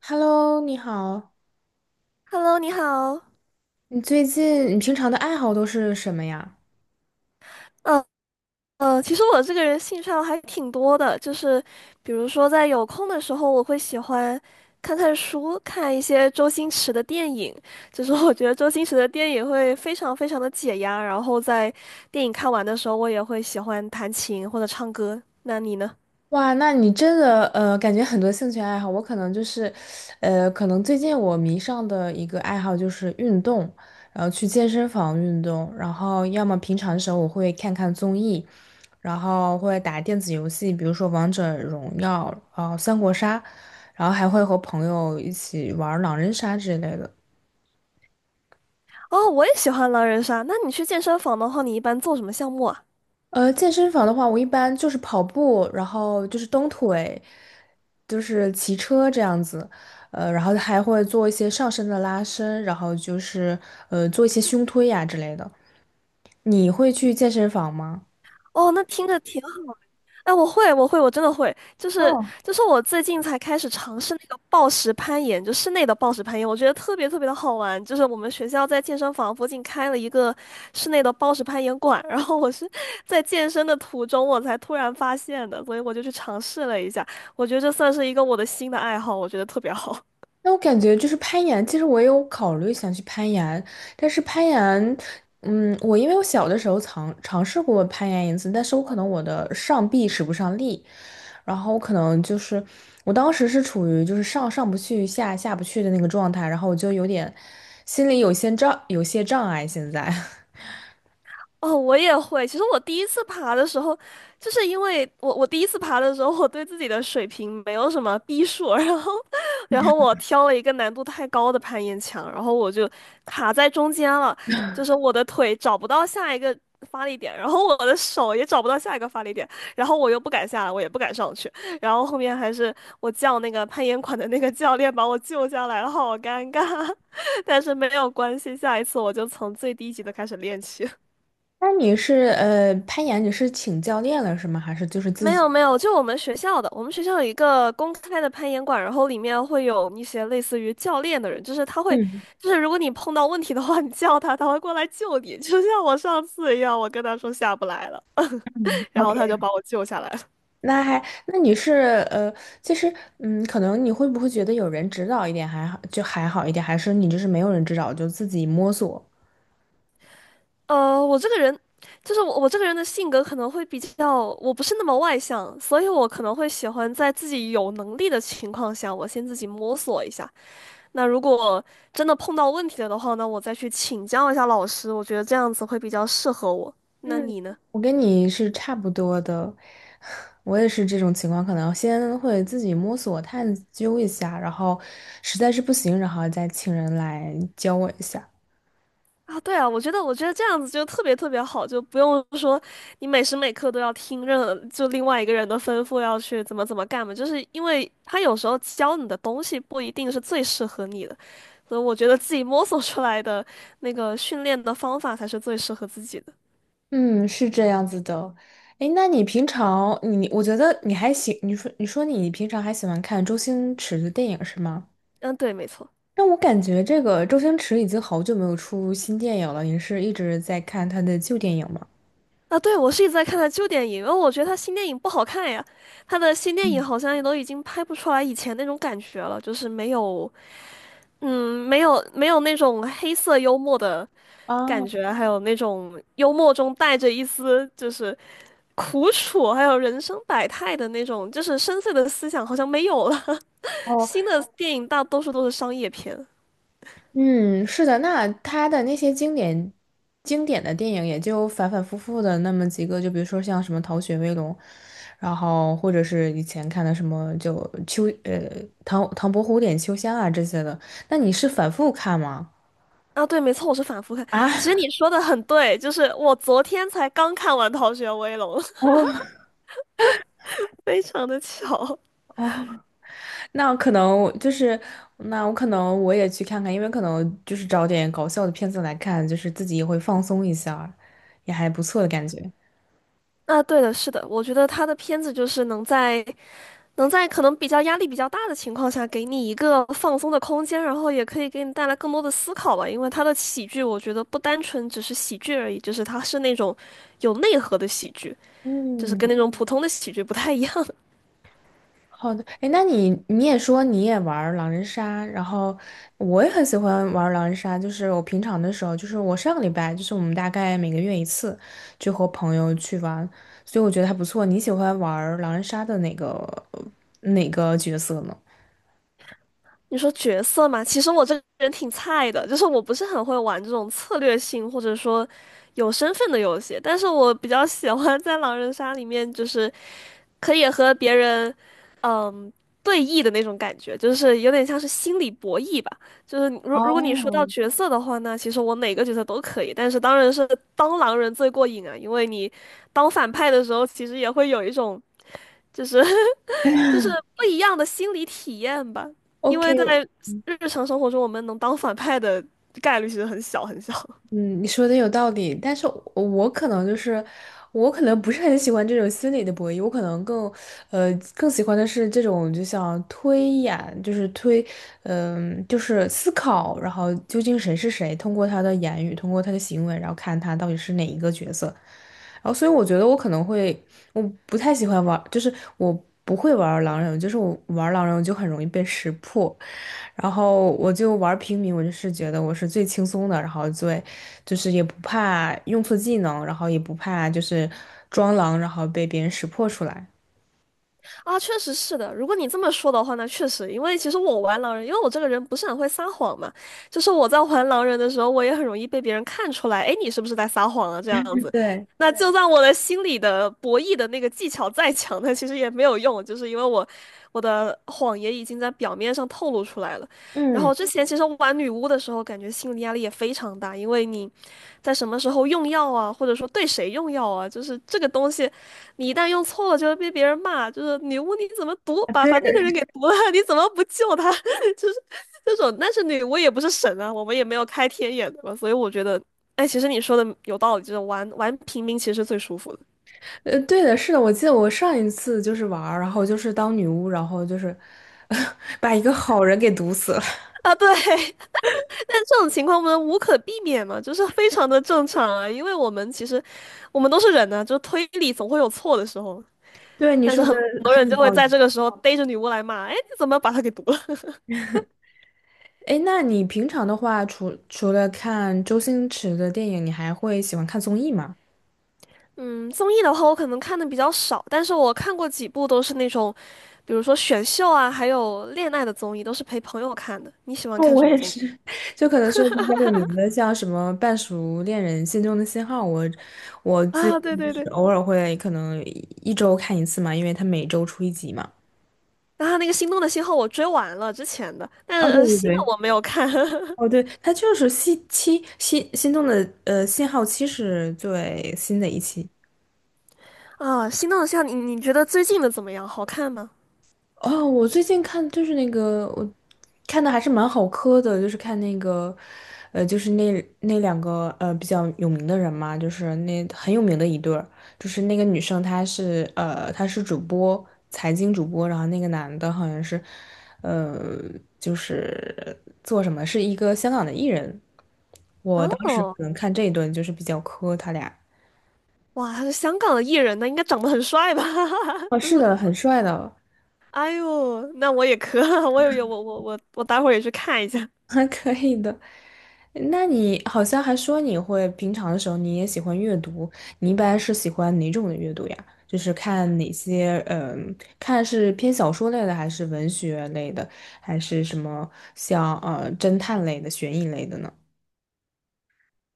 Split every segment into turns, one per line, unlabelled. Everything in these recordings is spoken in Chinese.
Hello，你好。
Hello，你好。
你最近你平常的爱好都是什么呀？
嗯其实我这个人兴趣爱好还挺多的，就是比如说在有空的时候，我会喜欢看看书，看一些周星驰的电影。就是我觉得周星驰的电影会非常非常的解压，然后在电影看完的时候，我也会喜欢弹琴或者唱歌。那你呢？
哇，那你真的感觉很多兴趣爱好。我可能就是，可能最近我迷上的一个爱好就是运动，然后去健身房运动，然后要么平常的时候我会看看综艺，然后会打电子游戏，比如说王者荣耀，三国杀，然后还会和朋友一起玩狼人杀之类的。
哦，我也喜欢狼人杀。那你去健身房的话，你一般做什么项目啊？
健身房的话，我一般就是跑步，然后就是蹬腿，就是骑车这样子，然后还会做一些上身的拉伸，然后就是做一些胸推呀、之类的。你会去健身房吗？
哦，那听着挺哎，我会，我会，我真的会，就是我最近才开始尝试那个暴石攀岩，就室内的暴石攀岩，我觉得特别特别的好玩。就是我们学校在健身房附近开了一个室内的暴石攀岩馆，然后我是在健身的途中我才突然发现的，所以我就去尝试了一下。我觉得这算是一个我的新的爱好，我觉得特别好。
那我感觉就是攀岩，其实我也有考虑想去攀岩，但是攀岩，嗯，我因为我小的时候尝试过攀岩一次，但是我可能我的上臂使不上力，然后我可能就是我当时是处于就是上不去下不去的那个状态，然后我就有点心里有些障碍现在。
哦，我也会。其实我第一次爬的时候，就是因为我第一次爬的时候，我对自己的水平没有什么逼数，然后 然后我挑了一个难度太高的攀岩墙，然后我就卡在中间了，就是我的腿找不到下一个发力点，然后我的手也找不到下一个发力点，然后我又不敢下来，我也不敢上去，然后后面还是我叫那个攀岩馆的那个教练把我救下来了，好尴尬，但是没有关系，下一次我就从最低级的开始练起。
那你是攀岩，你是请教练了是吗？还是就是自
没
己？
有没有，就我们学校的，我们学校有一个公开的攀岩馆，然后里面会有一些类似于教练的人，就是他会，
嗯
就是如果你碰到问题的话，你叫他，他会过来救你，就像我上次一样，我跟他说下不来了，
嗯
然后
，OK,
他就把我救下来了。
那还，那你是呃，其实嗯，可能你会不会觉得有人指导一点还好，就还好一点，还是你就是没有人指导就自己摸索？
我这个人，就是我这个人的性格可能会比较，我不是那么外向，所以我可能会喜欢在自己有能力的情况下，我先自己摸索一下，那如果真的碰到问题了的话呢，我再去请教一下老师，我觉得这样子会比较适合我。那
嗯，
你呢？
我跟你是差不多的，我也是这种情况，可能先会自己摸索探究一下，然后实在是不行，然后再请人来教我一下。
啊，对啊，我觉得这样子就特别特别好，就不用说你每时每刻都要听任就另外一个人的吩咐要去怎么怎么干嘛，就是因为他有时候教你的东西不一定是最适合你的，所以我觉得自己摸索出来的那个训练的方法才是最适合自己的。
嗯，是这样子的。诶，那你平常我觉得你还喜，你说你平常还喜欢看周星驰的电影是吗？
嗯，对，没错。
但我感觉这个周星驰已经好久没有出新电影了，您是一直在看他的旧电影吗？
啊，对，我是一直在看他旧电影，因为我觉得他新电影不好看呀。他的新电影好像也都已经拍不出来以前那种感觉了，就是没有，嗯，没有那种黑色幽默的感
啊，
觉，还有那种幽默中带着一丝就是苦楚，还有人生百态的那种，就是深邃的思想好像没有了。
哦，
新的电影大多数都是商业片。
嗯，是的，那他的那些经典的电影也就反反复复的那么几个，就比如说像什么《逃学威龙》，然后或者是以前看的什么唐伯虎点秋香啊这些的，那你是反复看吗？
啊，对，没错，我是反复看。
啊，
其实 你说的很对，就是我昨天才刚看完《逃学威龙》，
哦，
非常的巧。
哦，那可能就是那我可能我也去看看，因为可能就是找点搞笑的片子来看，就是自己也会放松一下，也还不错的感觉。
啊，对的，是的，我觉得他的片子就是能在能在可能比较压力比较大的情况下，给你一个放松的空间，然后也可以给你带来更多的思考吧。因为他的喜剧，我觉得不单纯只是喜剧而已，就是他是那种有内核的喜剧，就是跟
嗯，
那种普通的喜剧不太一样。
好的。哎，那你你也说你也玩儿狼人杀，然后我也很喜欢玩儿狼人杀，就是我平常的时候，就是我上个礼拜，就是我们大概每个月一次，就和朋友去玩，所以我觉得还不错。你喜欢玩儿狼人杀的哪个呃哪个角色呢？
你说角色嘛，其实我这个人挺菜的，就是我不是很会玩这种策略性或者说有身份的游戏，但是我比较喜欢在狼人杀里面就是。可以和别人，嗯，对弈的那种感觉，就是有点像是心理博弈吧。就是你如果你说到
哦
角色的话那其实我哪个角色都可以，但是当然是当狼人最过瘾啊，因为你当反派的时候，其实也会有一种就是 就是不一样的心理体验吧。因
，OK,
为在日常生活中，我们能当反派的概率其实很小很小。
嗯，你说的有道理，但是我可能就是，我可能不是很喜欢这种心理的博弈，我可能更，更喜欢的是这种就像推演，就是推，嗯、就是思考，然后究竟谁是谁，通过他的言语，通过他的行为，然后看他到底是哪一个角色。然后，所以我觉得我可能会，我不太喜欢玩，就是我不会玩狼人，就是我玩狼人我就很容易被识破，然后我就玩平民，我就是觉得我是最轻松的，然后最就是也不怕用错技能，然后也不怕就是装狼，然后被别人识破出来。
啊，确实是的。如果你这么说的话，那确实，因为其实我玩狼人，因为我这个人不是很会撒谎嘛，就是我在玩狼人的时候，我也很容易被别人看出来，哎，你是不是在撒谎啊？这样子，
对，
那就算我的心里的博弈的那个技巧再强，那其实也没有用，就是因为我的谎言已经在表面上透露出来了。然
嗯，
后之前其实玩女巫的时候，感觉心理压力也非常大，因为你在什么时候用药啊，或者说对谁用药啊，就是这个东西。你一旦用错了，就会被别人骂，就是女巫你怎么毒，
啊，
把
对
把那
的，
个人给毒了，你怎么不救他？这种，但是女巫也不是神啊，我们也没有开天眼的嘛，所以我觉得，哎，其实你说的有道理，就是玩玩平民其实最舒服的
对的，是的，我记得我上一次就是玩儿然后就是当女巫，然后就是 把一个好人给毒死了。
啊，对。但这种情况我们无可避免嘛，就是非常的正常啊，因为我们都是人呢、就推理总会有错的时候，
对，你
但是
说的
很多
很
人就
有道
会
理。
在这个时候逮着女巫来骂，哎，你怎么把她给毒了？
哎，那你平常的话，除了看周星驰的电影，你还会喜欢看综艺吗？
嗯，综艺的话，我可能看的比较少，但是我看过几部都是那种，比如说选秀啊，还有恋爱的综艺，都是陪朋友看的。你喜欢
嗯，
看
我
什么
也
综艺？
是。就可能说比较有名的，像什么《半熟恋人》《心中的信号》我，我最
啊，
近
对
就
对
是
对，
偶尔会可能一周看一次嘛，因为他每周出一集嘛。
然后那个《心动的信号》我追完了之前的，但
哦，对对
新的
对，
我没有看
哦，对，他就是西七新，心动的信号七是最新的一期。
啊。《心动的信号》，你觉得最近的怎么样？好看吗？
哦，我最近看就是那个，我看的还是蛮好磕的，就是看那个，就是那那两个比较有名的人嘛，就是那很有名的一对儿，就是那个女生她是主播，财经主播，然后那个男的好像是，呃，就是做什么是一个香港的艺人，我当时
哦，
可能看这一段就是比较磕他俩，
哇，他是香港的艺人呢，应该长得很帅吧？
哦，
就
是
说，
的，很帅的，
哎呦，那我也可，我有有我我我我待会儿也去看一下。
还可以的。那你好像还说你会平常的时候你也喜欢阅读，你一般是喜欢哪种的阅读呀？就是看哪些，嗯，看是偏小说类的，还是文学类的，还是什么像侦探类的、悬疑类的呢？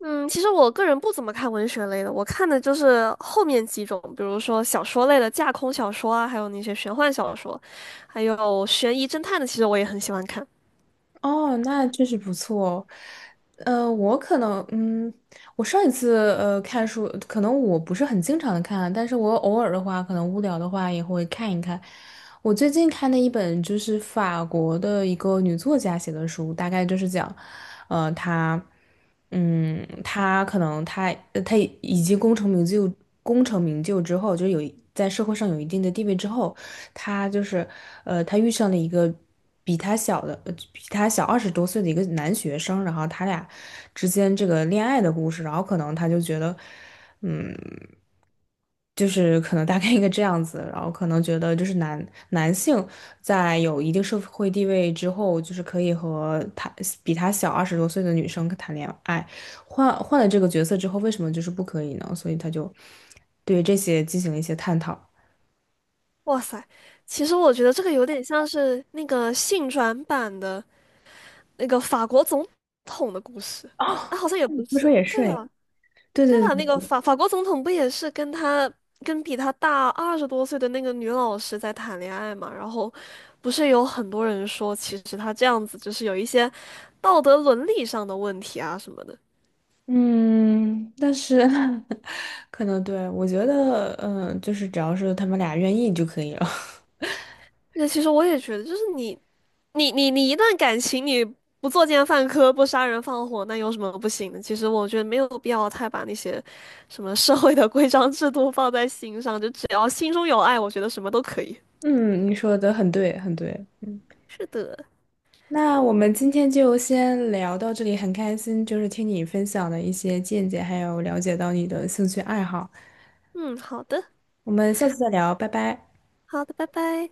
嗯，其实我个人不怎么看文学类的，我看的就是后面几种，比如说小说类的架空小说啊，还有那些玄幻小说，还有悬疑侦探的，其实我也很喜欢看。
哦，那确实不错哦。我可能，嗯，我上一次看书，可能我不是很经常的看啊，但是我偶尔的话，可能无聊的话也会看一看。我最近看的一本就是法国的一个女作家写的书，大概就是讲，她，嗯，她可能她已经功成名就，功成名就之后，就在社会上有一定的地位之后。他就是，他遇上了一个比他小二十多岁的一个男学生，然后他俩之间这个恋爱的故事，然后可能他就觉得，嗯，就是可能大概一个这样子，然后可能觉得就是男性在有一定社会地位之后，就是可以和他比他小二十多岁的女生谈恋爱，换了这个角色之后，为什么就是不可以呢？所以他就对这些进行了一些探讨。
哇塞，其实我觉得这个有点像是那个性转版的那个法国总统的故事，
哦，
啊，好像也
你
不
这么说
是，
也是
对
哎，
吧？
对
对吧？那
对。
个法国总统不也是跟他跟比他大20多岁的那个女老师在谈恋爱嘛？然后不是有很多人说，其实他这样子就是有一些道德伦理上的问题啊什么的。
嗯，但是 可能对，我觉得，嗯，就是只要是他们俩愿意就可以了。
那其实我也觉得，就是你一段感情你不作奸犯科、不杀人放火，那有什么不行的？其实我觉得没有必要太把那些什么社会的规章制度放在心上，就只要心中有爱，我觉得什么都可以。
嗯，你说的很对，很对。嗯，
是的，
那我们今天就先聊到这里，很开心，就是听你分享的一些见解，还有了解到你的兴趣爱好。
嗯，好的，
我们下次再聊，拜拜。
好的，拜拜。